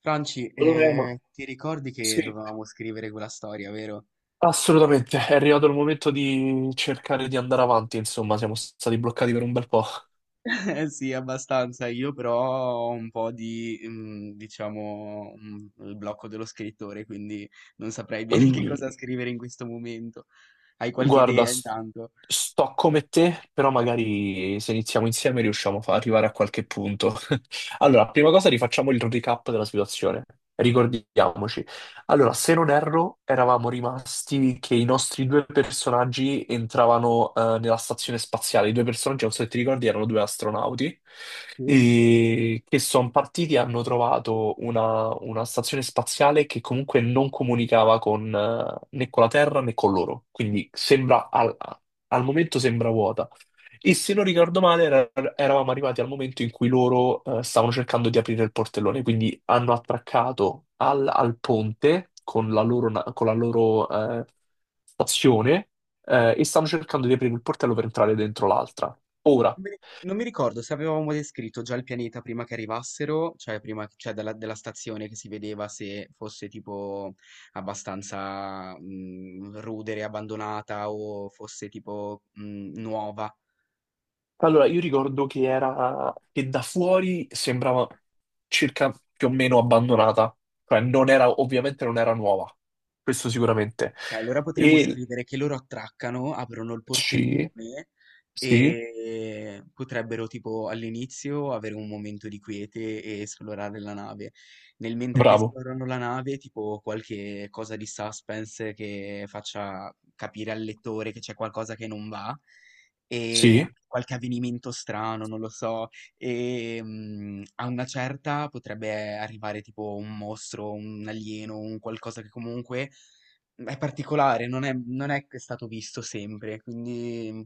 Franci, Lorena, ti ricordi che sì, dovevamo scrivere quella storia, vero? assolutamente. È arrivato il momento di cercare di andare avanti, insomma, siamo stati bloccati per un bel po'. Eh sì, abbastanza. Io però ho un po' di, diciamo, il blocco dello scrittore, quindi non saprei bene che Mm. cosa scrivere in questo momento. Hai qualche Guarda, idea intanto? sto come te, però magari se iniziamo insieme riusciamo a arrivare a qualche punto. Allora, prima cosa rifacciamo il recap della situazione. Ricordiamoci. Allora, se non erro, eravamo rimasti che i nostri due personaggi entravano nella stazione spaziale. I due personaggi, non so se ti ricordi, erano due astronauti Sì? e che sono partiti e hanno trovato una stazione spaziale che comunque non comunicava con né con la Terra né con loro. Quindi sembra al momento sembra vuota. E se non ricordo male, eravamo arrivati al momento in cui loro stavano cercando di aprire il portellone, quindi hanno attraccato al ponte con la loro, con la loro, eh, stazione e stanno cercando di aprire il portello per entrare dentro l'altra. Ora, Non mi ricordo se avevamo descritto già il pianeta prima che arrivassero, cioè prima cioè dalla, della stazione che si vedeva se fosse tipo abbastanza rudere, abbandonata o fosse tipo nuova. allora io ricordo che era che da fuori sembrava circa più o meno abbandonata, cioè non era, ovviamente non era nuova, questo sicuramente. Ok, allora potremmo E scrivere che loro attraccano, aprono il sì, portellone sì, e potrebbero tipo all'inizio avere un momento di quiete e esplorare la nave. Nel mentre che bravo. esplorano la nave, tipo qualche cosa di suspense che faccia capire al lettore che c'è qualcosa che non va e Sì. anche qualche avvenimento strano, non lo so. E a una certa potrebbe arrivare tipo un mostro, un alieno, un qualcosa che comunque è particolare, non è che è stato visto sempre, quindi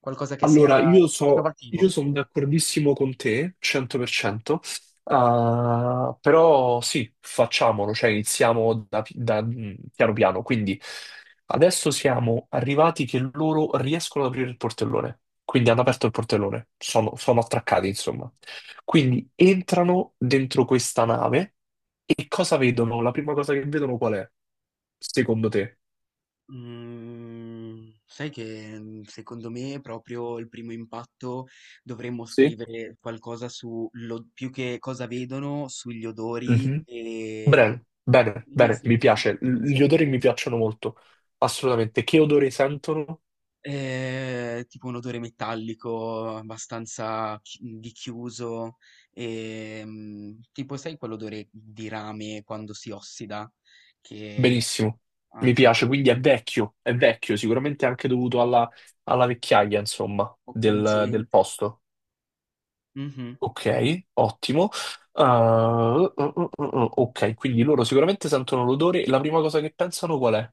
qualcosa che Allora, sia io so, innovativo. io sono d'accordissimo con te, 100%. Ah, però sì, facciamolo, cioè iniziamo da, piano piano. Quindi adesso siamo arrivati che loro riescono ad aprire il portellone, quindi hanno aperto il portellone, sono attraccati insomma. Quindi entrano dentro questa nave e cosa vedono? La prima cosa che vedono qual è, secondo te? Sai che, secondo me proprio il primo impatto dovremmo Sì. scrivere qualcosa più che cosa vedono, sugli odori e Bene, i bene, primi bene, mi sensi che piace. si L- gli odori risvegliano. mi piacciono molto, assolutamente. Che odore sentono? Tipo un odore metallico abbastanza chi di chiuso, tipo sai quell'odore di rame quando si ossida, che Benissimo, ha mi piace, quell'odore un quindi è vecchio, sicuramente anche dovuto alla vecchiaia, insomma, po' del pungente. posto. Mh-mh. Ok, ottimo. Ah, uh, ok, quindi loro sicuramente sentono l'odore. La prima cosa che pensano qual è?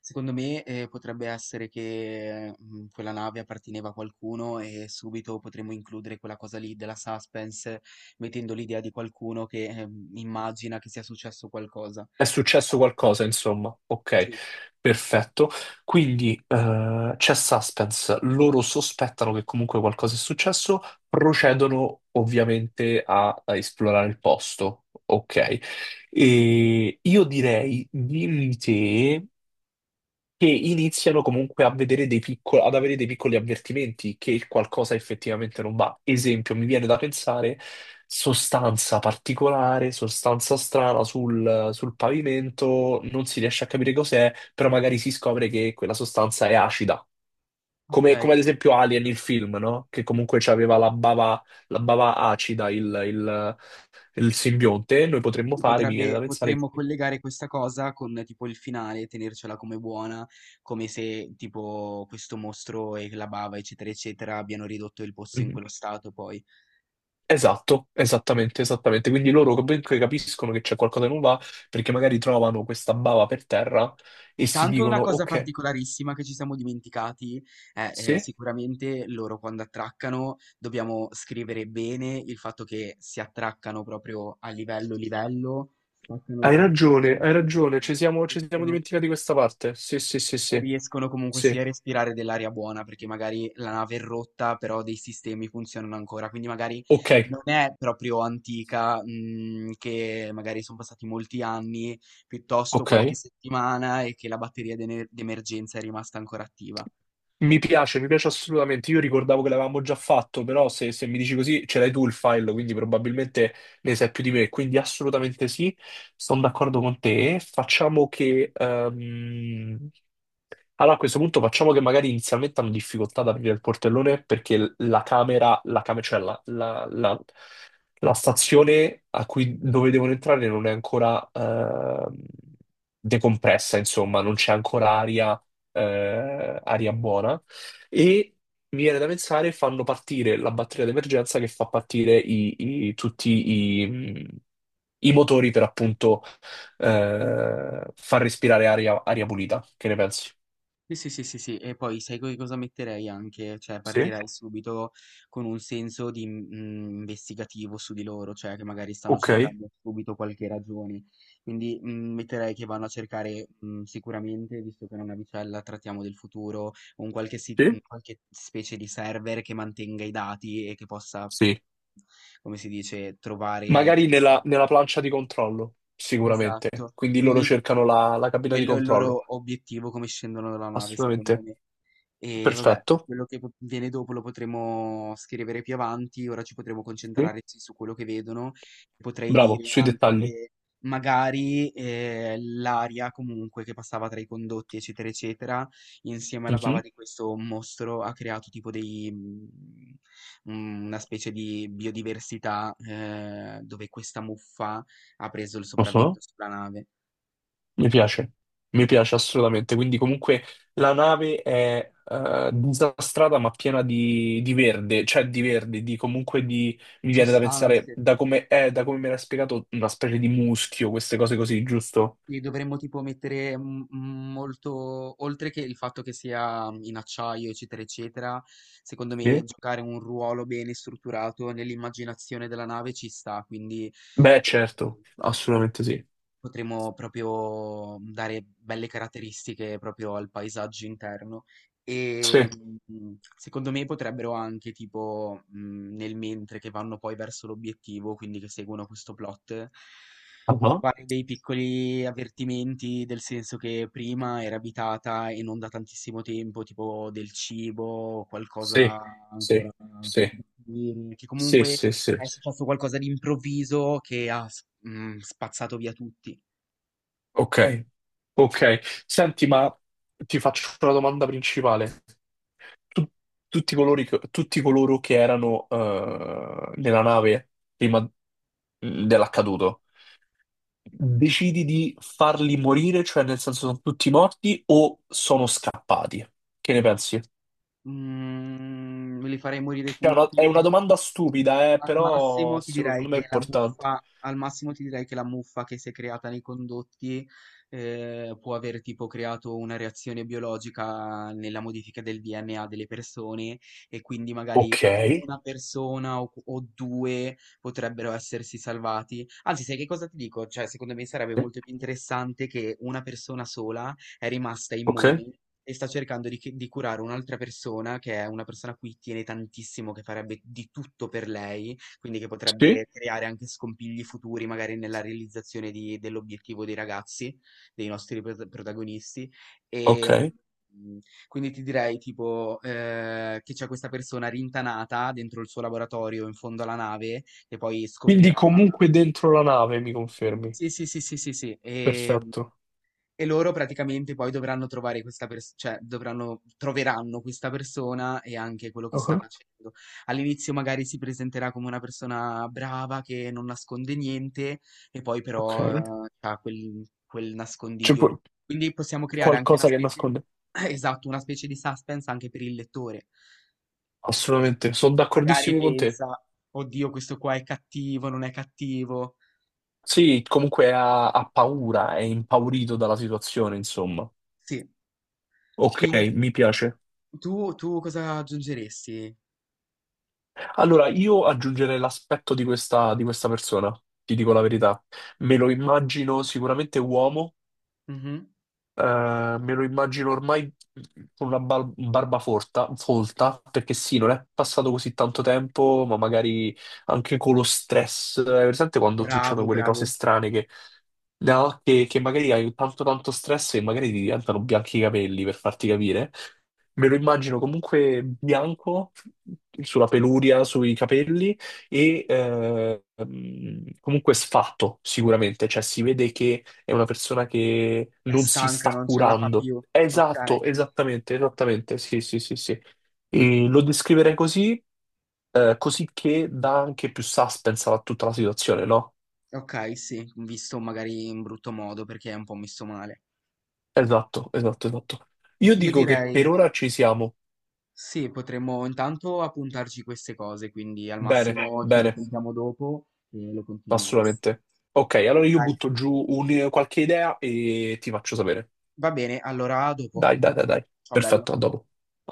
Secondo me, potrebbe essere che, quella nave apparteneva a qualcuno e subito potremmo includere quella cosa lì della suspense, mettendo l'idea di qualcuno che, immagina che sia successo qualcosa. È successo qualcosa, insomma. Ok, Sì, perfetto. Quindi c'è suspense, loro sospettano che comunque qualcosa è successo, procedono ovviamente a esplorare il posto. Ok, e io direi, dimmi te, che iniziano comunque a vedere dei piccoli, ad avere dei piccoli avvertimenti che qualcosa effettivamente non va. Esempio, mi viene da pensare sostanza particolare, sostanza strana sul pavimento, non si riesce a capire cos'è, però magari si scopre che quella sostanza è acida. Okay. Come ad esempio Alien, il film, no? Che comunque aveva la bava acida, il simbionte. Noi potremmo fare, mi viene da Potrebbe pensare, potremmo collegare questa cosa con tipo il finale, tenercela come buona, come se tipo questo mostro e la bava, eccetera, eccetera, abbiano ridotto il posto in quello stato poi. esatto, esattamente, esattamente. Quindi loro comunque capiscono che c'è qualcosa che non va perché magari trovano questa bava per terra e si Intanto una dicono: cosa Ok, particolarissima che ci siamo dimenticati è, sì, sicuramente loro quando attraccano dobbiamo scrivere bene il fatto che si attraccano proprio a livello livello, spaccano il hai portone. ragione, ci siamo dimenticati questa parte. Sì, sì, sì, sì, Riescono comunque sia sì. a respirare dell'aria buona, perché magari la nave è rotta, però dei sistemi funzionano ancora, quindi magari Ok, non è proprio antica, che magari son passati molti anni, piuttosto ok. qualche settimana e che la batteria d'ener d'emergenza è rimasta ancora attiva. Mi piace assolutamente. Io ricordavo che l'avevamo già fatto, però se mi dici così ce l'hai tu il file, quindi probabilmente ne sai più di me. Quindi assolutamente sì, sono d'accordo con te. Facciamo che... allora a questo punto facciamo che magari inizialmente hanno difficoltà ad aprire il portellone perché la camera, cioè la stazione a cui, dove devono entrare non è ancora decompressa, insomma, non c'è ancora aria, aria buona. E mi viene da pensare, fanno partire la batteria d'emergenza che fa partire tutti i motori per appunto far respirare aria, aria pulita. Che ne pensi? Sì, e poi sai co cosa metterei anche? Cioè Sì, partirei subito con un senso di, investigativo su di loro, cioè che magari stanno ok. cercando subito qualche ragione. Quindi, metterei che vanno a cercare, sicuramente, visto che è una vicella, trattiamo del futuro, un Sì? qualche specie di server che mantenga i dati e che possa, Sì. come si dice, trovare Magari delle solu nella plancia di controllo, sicuramente. esatto, Quindi loro quindi cercano la cabina di quello è il controllo. loro obiettivo come scendono dalla nave, secondo Assolutamente. me. E vabbè, Perfetto. quello che po viene dopo lo potremo scrivere più avanti, ora ci potremo Sì. concentrare sì su quello che vedono. Potrei Bravo, dire sui anche dettagli. che magari, l'aria comunque che passava tra i condotti, eccetera, eccetera, insieme alla bava Mhm. di questo mostro ha creato una specie di biodiversità, dove questa muffa ha preso il sopravvento Mhm. sulla nave. Mi piace. Mi piace assolutamente. Quindi comunque la nave è disastrata ma piena di verde, cioè di verde, di comunque di... Mi viene da pensare, Sostanze da come è, da come me l'ha spiegato, una specie di muschio, queste cose così, giusto? li dovremmo tipo mettere molto, oltre che il fatto che sia in acciaio, eccetera, eccetera, secondo me Sì. giocare un ruolo bene strutturato nell'immaginazione della nave ci sta, quindi Beh, certo, assolutamente sì. potremmo proprio, dare belle caratteristiche proprio al paesaggio interno Sì. e, secondo me potrebbero anche tipo, nel mentre che vanno poi verso l'obiettivo, quindi che seguono questo plot, trovare dei piccoli avvertimenti del senso che prima era abitata e non da tantissimo tempo, tipo del cibo o Sì, qualcosa ancora sì, da sì, scoprire, che sì, comunque sì, sì. è Sì. successo qualcosa di improvviso che spazzato via tutti. Ok, ok. Senti, ma ti faccio la domanda principale. Tu- tutti tutti coloro che erano nella nave prima dell'accaduto, decidi di farli morire, cioè nel senso sono tutti morti o sono scappati? Che ne pensi? Mhmm, me li farei morire Cioè, è tutti. è una domanda stupida, però secondo me è importante. Al massimo ti direi che la muffa che si è creata nei condotti, può aver tipo creato una reazione biologica nella modifica del DNA delle persone e quindi magari Ok. una persona o 2 potrebbero essersi salvati. Anzi, sai che cosa ti dico? Cioè, secondo me sarebbe Sì. molto più interessante che una persona sola è rimasta Ok. immune e sta cercando di curare un'altra persona, che è una persona a cui tiene tantissimo, che farebbe di tutto per lei, quindi che Sì. potrebbe creare anche scompigli futuri, magari nella realizzazione di dell'obiettivo dei ragazzi, dei nostri protagonisti. Ok. E, mhmm, quindi ti direi tipo, che c'è questa persona rintanata dentro il suo laboratorio in fondo alla nave, che poi Quindi scopriranno. comunque dentro la nave, mi confermi? Sì. Perfetto. E loro praticamente poi dovranno trovare questa persona, cioè dovranno, troveranno questa persona e anche quello che sta Ok. facendo. All'inizio magari si presenterà come una persona brava che non nasconde niente e poi Ok. però ha quel C'è nascondiglio lì. pu- Quindi possiamo creare anche una qualcosa che specie, nasconde? esatto, una specie di suspense anche per il lettore. Assolutamente, sono Magari d'accordissimo con te. pensa, oddio, questo qua è cattivo, non è cattivo. Sì, comunque ha, ha paura, è impaurito dalla situazione, insomma. Sì, Ok, quindi mi piace. Tu cosa aggiungeresti? Allora, io aggiungerei l'aspetto di questa persona, ti dico la verità. Me lo immagino sicuramente uomo. Mhm. Me lo immagino ormai con una barba forta, folta, perché sì, non è passato così tanto tempo, ma magari anche con lo stress. Hai presente quando succedono Bravo, quelle cose bravo. strane che, no? Che magari hai tanto tanto stress e magari ti diventano bianchi i capelli, per farti capire. Me lo immagino comunque bianco sulla peluria, sui capelli e comunque sfatto sicuramente, cioè si vede che è una persona che È non si stanca, sta non ce la fa curando. più. Ok, Esatto, esattamente, esattamente, sì, sì, sì, sì. E lo descriverei così, così che dà anche più suspense a tutta la situazione, no? ok, sì, visto magari in brutto modo perché è un po' messo male. Esatto, esatto, esatto. Io Io dico che direi, per ora ci siamo. sì, potremmo intanto appuntarci queste cose, quindi al Bene, massimo ci bene. risentiamo dopo e lo continuiamo. Assolutamente. Ok, allora io Dai, butto giù qualche idea e ti faccio sapere. va bene, allora a dopo. Dai, dai, dai, dai. Ciao bello. Perfetto, a dopo.